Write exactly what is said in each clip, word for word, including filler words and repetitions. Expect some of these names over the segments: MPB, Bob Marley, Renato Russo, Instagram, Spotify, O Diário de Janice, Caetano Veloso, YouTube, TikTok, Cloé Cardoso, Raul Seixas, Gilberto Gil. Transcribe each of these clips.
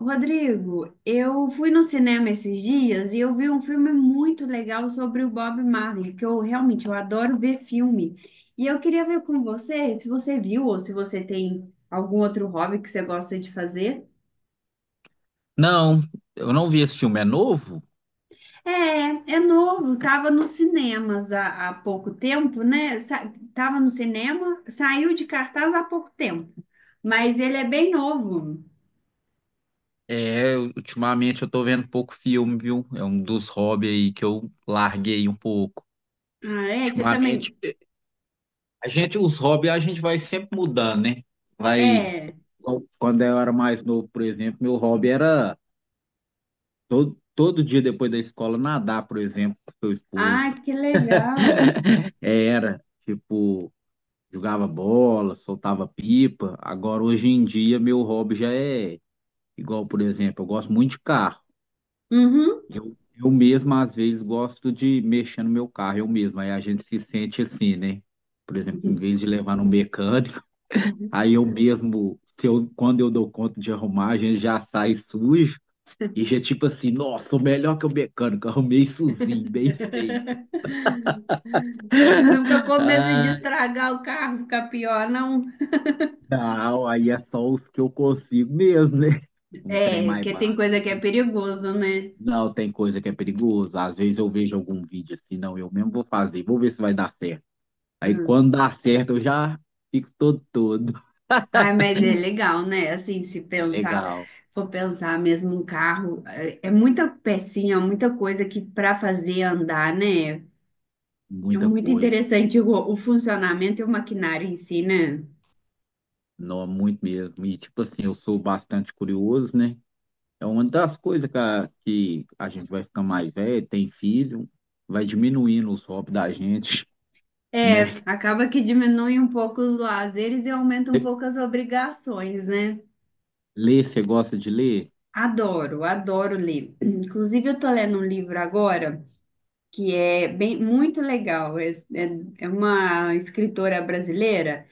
Rodrigo, eu fui no cinema esses dias e eu vi um filme muito legal sobre o Bob Marley, que eu realmente eu adoro ver filme. E eu queria ver com você se você viu ou se você tem algum outro hobby que você gosta de fazer. Não, eu não vi esse filme. É novo? É, é novo, tava nos cinemas há, há pouco tempo, né? Sa tava no cinema, saiu de cartaz há pouco tempo, mas ele é bem novo. É, ultimamente eu tô vendo pouco filme, viu? É um dos hobbies aí que eu larguei um pouco. Ah, é? Você Ultimamente, também? a gente, os hobbies a gente vai sempre mudando, né? Vai, É. quando eu era mais novo, por exemplo, meu hobby era todo, todo dia depois da escola nadar, por exemplo, com seu esposo. Ah, que legal. Era, tipo, jogava bola, soltava pipa. Agora, hoje em dia, meu hobby já é igual, por exemplo, eu gosto muito de carro. Uhum. Eu, eu mesmo, às vezes, gosto de mexer no meu carro, eu mesmo. Aí a gente se sente assim, né? Por exemplo, em vez de levar no mecânico, aí eu mesmo, se eu, quando eu dou conta de arrumar, a gente já sai sujo e já tipo assim, nossa, sou melhor que o mecânico, arrumei sozinho, bem feito. Não fica com medo de Ah, estragar o carro, fica pior, não. não, aí é só os que eu consigo mesmo, né? Um trem É, mais que tem básico. coisa que é perigoso, né? Não, tem coisa que é perigosa. Às vezes eu vejo algum vídeo assim, não, eu mesmo vou fazer, vou ver se vai dar certo. Aí Hum. quando dá certo, eu já fico todo todo. Ai, mas é legal, né? Assim, se É pensar, legal, for pensar mesmo um carro, é é muita pecinha, muita coisa que para fazer andar, né? É muita muito coisa. interessante o, o funcionamento e o maquinário em si, né? Não, é muito mesmo. E tipo assim, eu sou bastante curioso, né? É uma das coisas que a, que a gente vai ficar mais velho, tem filho, vai diminuindo os hobbies da gente, É, né? acaba que diminui um pouco os lazeres e aumenta um pouco as obrigações, né? Ler, você gosta de ler? Adoro, adoro ler. Inclusive, eu tô lendo um livro agora que é bem muito legal. É, é- é uma escritora brasileira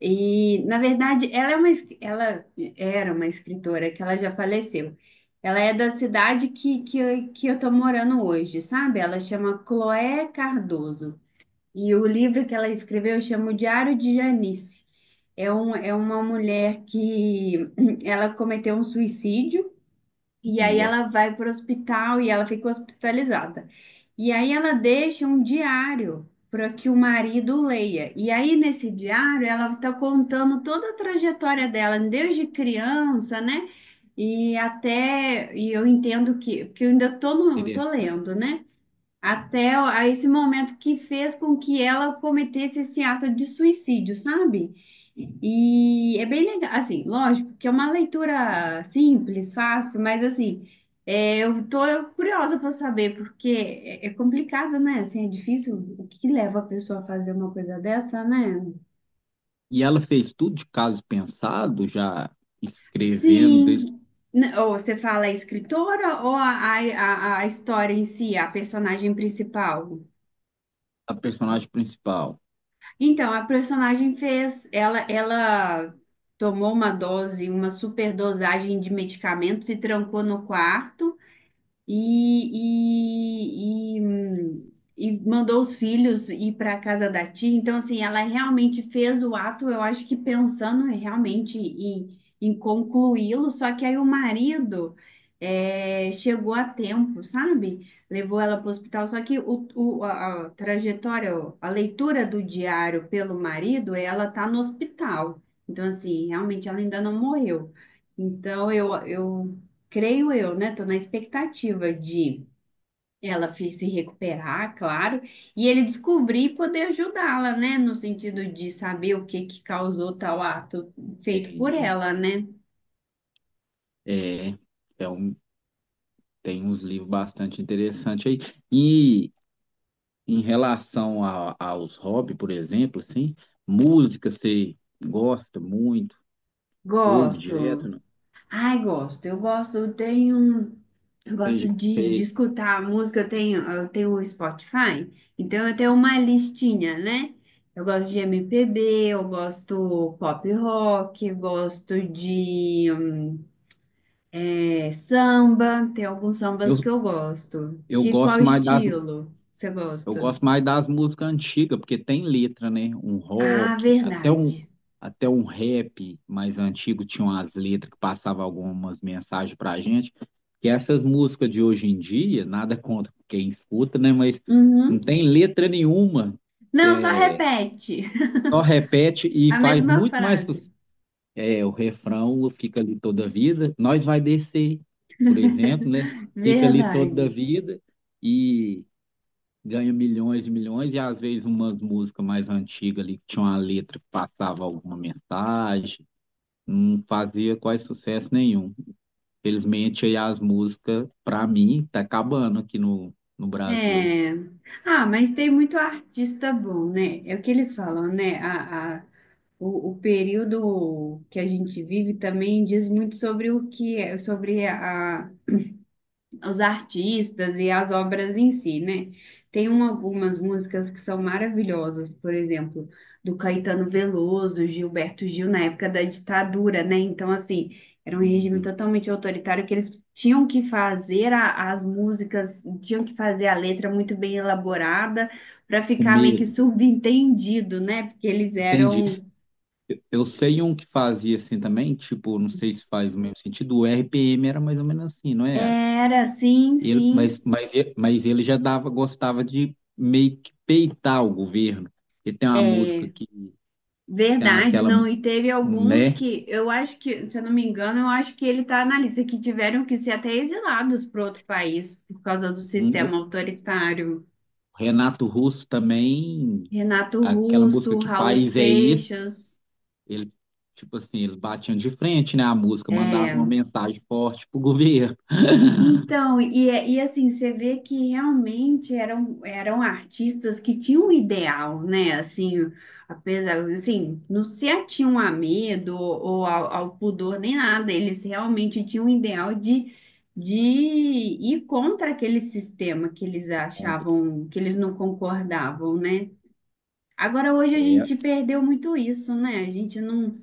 e, na verdade, ela é uma, es- ela era uma escritora que ela já faleceu. Ela é da cidade que, que, eu- que eu tô morando hoje, sabe? Ela chama Cloé Cardoso. E o livro que ela escreveu chama O Diário de Janice. É, um, é uma mulher que ela cometeu um suicídio. E aí Nossa, ela vai para o hospital e ela fica hospitalizada. E aí ela deixa um diário para que o marido leia. E aí nesse diário ela está contando toda a trajetória dela, desde criança, né? E até, e eu entendo que, porque eu ainda tô, no, tô interessante. lendo, né? Até a esse momento que fez com que ela cometesse esse ato de suicídio, sabe? E é bem legal, assim, lógico que é uma leitura simples, fácil, mas assim, é, eu tô curiosa para saber, porque é, é complicado, né? Assim, é difícil, o que leva a pessoa a fazer uma coisa dessa, né? E ela fez tudo de caso pensado, já escrevendo desde Sim, N- ou você fala a escritora ou a, a, a a história em si, a personagem principal? a personagem principal. Então, a personagem fez, ela, ela tomou uma dose, uma superdosagem de medicamentos e trancou no quarto e, e, e, hum, e mandou os filhos ir para a casa da tia. Então, assim, ela realmente fez o ato, eu acho que pensando realmente em, em concluí-lo, só que aí o marido eh, chegou a tempo, sabe? Levou ela para o hospital, só que o, o- a, a trajetória, a leitura do diário pelo marido, ela tá no hospital. Então, assim, realmente ela ainda não morreu. Então, eu, eu creio eu, né? Tô na expectativa de ela fi- se recuperar, claro, e ele descobrir e poder ajudá-la, né? No sentido de saber o que que causou tal ato feito por Entendi. ela, né? É, é um. Tem uns livros bastante interessantes aí. E em relação a- aos hobbies, por exemplo, assim, música você gosta muito, ouve direto, Gosto. não? Ai, gosto. Eu gosto, eu tenho. um, eu gosto Tem- de, de tem- escutar a música, eu tenho, eu tenho o Spotify, então eu tenho uma listinha, né? Eu gosto de M P B, eu gosto pop rock, eu gosto de hum, é, samba, tem alguns sambas que eu, eu gosto. eu Que qual gosto mais das, estilo você eu gosta? gosto mais das músicas antigas, porque tem letra, né? Um Ah, rock, até um, verdade. até um rap mais antigo tinha umas letras que passavam algumas mensagens pra gente. Que essas músicas de hoje em dia, nada contra quem escuta, né? Mas não Uhum. tem letra nenhuma. Não, só É, repete só repete e a faz mesma muito mais frase. sucesso. É, o refrão fica ali toda a vida. Nós vai descer, por exemplo, né? Fica ali toda a Verdade. vida. E ganha milhões e milhões, e às vezes umas músicas mais antigas ali que tinha uma letra que passava alguma mensagem, não fazia quase sucesso nenhum. Felizmente aí as músicas, para mim, tá acabando aqui no, no Brasil. É. Ah, mas tem muito artista bom, né? É o que eles falam, né? A, a, o, o período que a gente vive também diz muito sobre o que é, sobre a, os artistas e as obras em si, né? Tem um- algumas músicas que são maravilhosas, por exemplo, do Caetano Veloso, do Gilberto Gil, na época da ditadura, né? Então, assim, era um regime Uhum. totalmente autoritário que eles tinham que fazer a- as músicas, tinham que fazer a letra muito bem elaborada para O ficar meio que medo. subentendido, né? Porque eles Entendi. eram. Eu sei um que fazia assim também, tipo, não sei se faz o mesmo sentido, o R P M era mais ou menos assim, não era? Era, sim, Ele, mas, sim. mas, e- mas ele já dava, gostava de meio que peitar o governo. Ele tem uma música é, que. Tem Verdade, aquela, não. E teve alguns né? que eu acho que, se eu não me engano, eu acho que ele está na lista que tiveram que ser até exilados para outro país por causa do O sistema autoritário. Renato Russo também, Renato aquela música Russo, Que Raul País é Esse? Seixas. Ele, tipo assim, eles batiam de frente, né? A música mandava uma é, mensagem forte pro governo Então, e, é- e assim, você vê que realmente eram, eram artistas que tinham um ideal, né? Assim, apesar, assim, não se atinham a medo ou ao, ao pudor nem nada, eles realmente tinham um ideal de, de ir contra aquele sistema que eles contra. achavam, que eles não concordavam, né? Agora, hoje a É, gente perdeu muito isso, né? A gente não.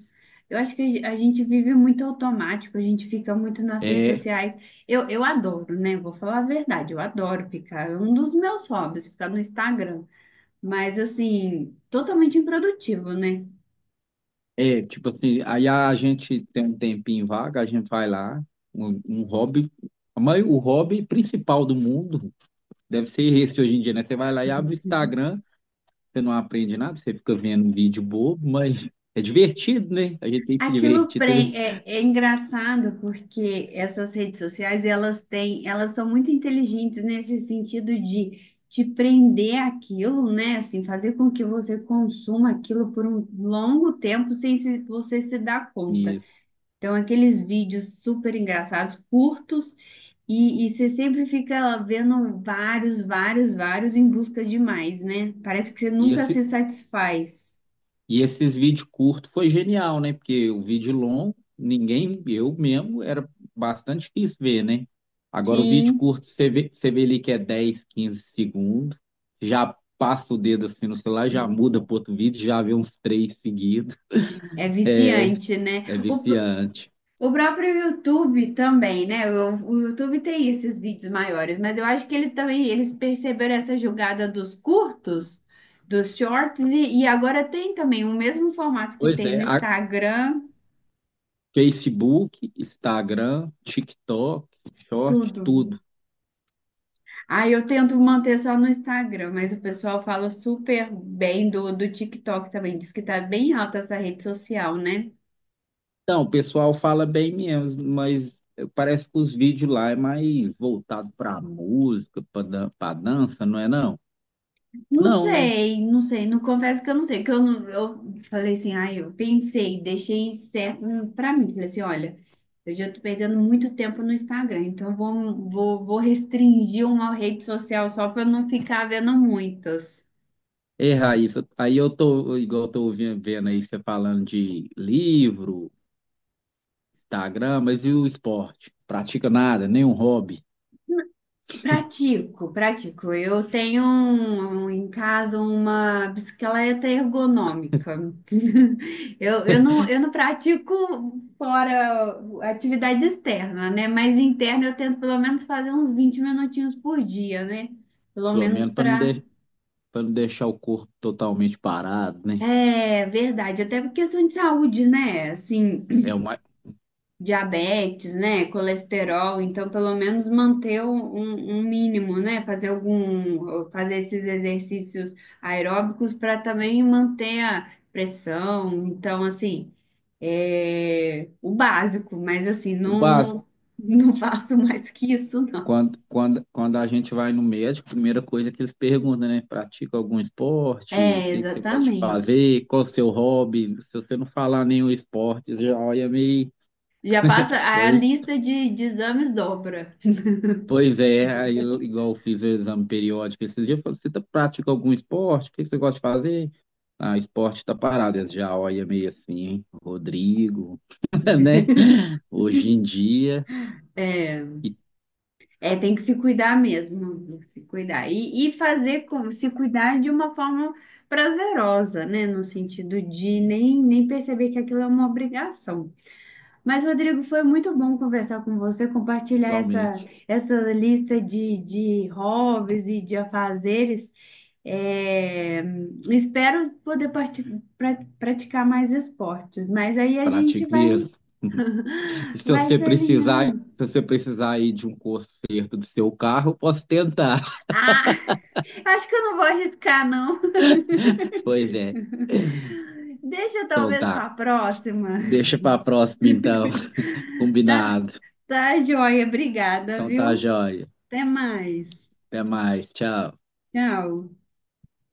Eu acho que a ge- a gente vive muito automático, a gente fica muito nas redes é, sociais. Eu, eu adoro, né? Vou falar a verdade, eu adoro ficar. É um dos meus hobbies, ficar no Instagram. Mas, assim, totalmente improdutivo, né? é, tipo assim, aí a gente tem um tempinho vaga, a gente vai lá, um, um hobby, mas o hobby principal do mundo deve ser esse hoje em dia, né? Você vai lá e abre o Instagram, você não aprende nada, você fica vendo um vídeo bobo, mas é divertido, né? A gente tem que se Aquilo divertir pre- também. É, é engraçado porque essas redes sociais, elas têm, elas são muito inteligentes nesse sentido de te prender aquilo, né? Assim, fazer com que você consuma aquilo por um longo tempo sem se- você se dar conta. Isso. Então, aqueles vídeos super engraçados, curtos, e, e você sempre fica vendo vários, vários, vários em busca de mais, né? Parece que você E, nunca esse, se satisfaz. e esses vídeos curtos foi genial, né? Porque o vídeo longo, ninguém, eu mesmo, era bastante difícil ver, né? Agora o vídeo Sim, curto, você vê, você vê ali que é dez, quinze segundos, já passa o dedo assim no celular, já muda para outro vídeo, já vê uns três seguidos, é viciante, né? é O viciante. O próprio YouTube também, né? O, o YouTube tem esses vídeos maiores, mas eu acho que ele também eles perceberam essa jogada dos curtos, dos shorts e, e agora tem também o mesmo formato que Pois tem é, no a- Instagram, Facebook, Instagram, TikTok, Short, tudo. tudo. Aí eu tento manter só no Instagram, mas o pessoal fala super bem do, do TikTok também, diz que tá bem alta essa rede social, né? Não, o pessoal fala bem mesmo, mas parece que os vídeos lá é mais voltado para música, para dança, não é não? Não Não, né? sei, não sei, não confesso que eu não sei, que eu não, eu falei assim, ai, eu pensei, deixei certo pra mim, falei assim, olha, eu já tô perdendo muito tempo no Instagram, então eu vou, vou, vou restringir uma rede social só pra eu não ficar vendo muitas. É, Raíssa, aí eu tô, igual eu tô ouvindo- vendo aí você falando de livro, Instagram, mas e o esporte? Pratica nada, nenhum hobby, Pratico, pratico. Eu tenho um- um- em casa uma bicicleta ergonômica. Eu, eu não, eu não pratico fora atividade externa, né? Mas interna eu tento pelo menos fazer uns vinte minutinhos por dia, né? Pelo pelo menos menos para não, para. de, pra não deixar o corpo totalmente parado, né? É verdade, até por questão de saúde, né? Assim, É o mais, diabetes, né? Colesterol, então pelo menos manter um, um um mínimo, né? Fazer algum, fazer esses exercícios aeróbicos para também manter a pressão. Então, assim, é o básico, mas assim, o não, não, básico. não faço mais que isso, não. Quando, quando, quando a gente vai no médico, a primeira coisa que eles perguntam, né? Pratica algum esporte? O É, que que você gosta de exatamente. fazer? Qual o seu hobby? Se você não falar nenhum esporte, já olha meio. Já passa, a Pois, lista de, de exames dobra. pois é, aí, eu- igual eu fiz o exame periódico esses dias, eu falei, você tá- pratica algum esporte? O que que você gosta de fazer? Ah, esporte tá parado, eles já olha meio assim, hein? Rodrigo, né? Hoje em dia, É. e- É, tem que se cuidar mesmo, tem que se cuidar. E, e fazer com, se cuidar de uma forma prazerosa, né? No sentido de nem, nem perceber que aquilo é uma obrigação. Mas, Rodrigo, foi muito bom conversar com você, compartilhar essa, igualmente, essa lista de, de hobbies e de afazeres. É, espero poder parti- pra- praticar mais esportes, mas aí a gente pratico vai, mesmo. E se vai você se precisar, alinhando. se você precisar aí de um conserto do seu carro, eu posso tentar. Ah, acho que eu não vou arriscar, não. Pois é. Deixa Então talvez para a tá. próxima. Deixa pra próxima então. Tá? Combinado. Tá, joia. Obrigada, Então tá, viu? joia. Até mais. Até mais. Tchau. Tchau.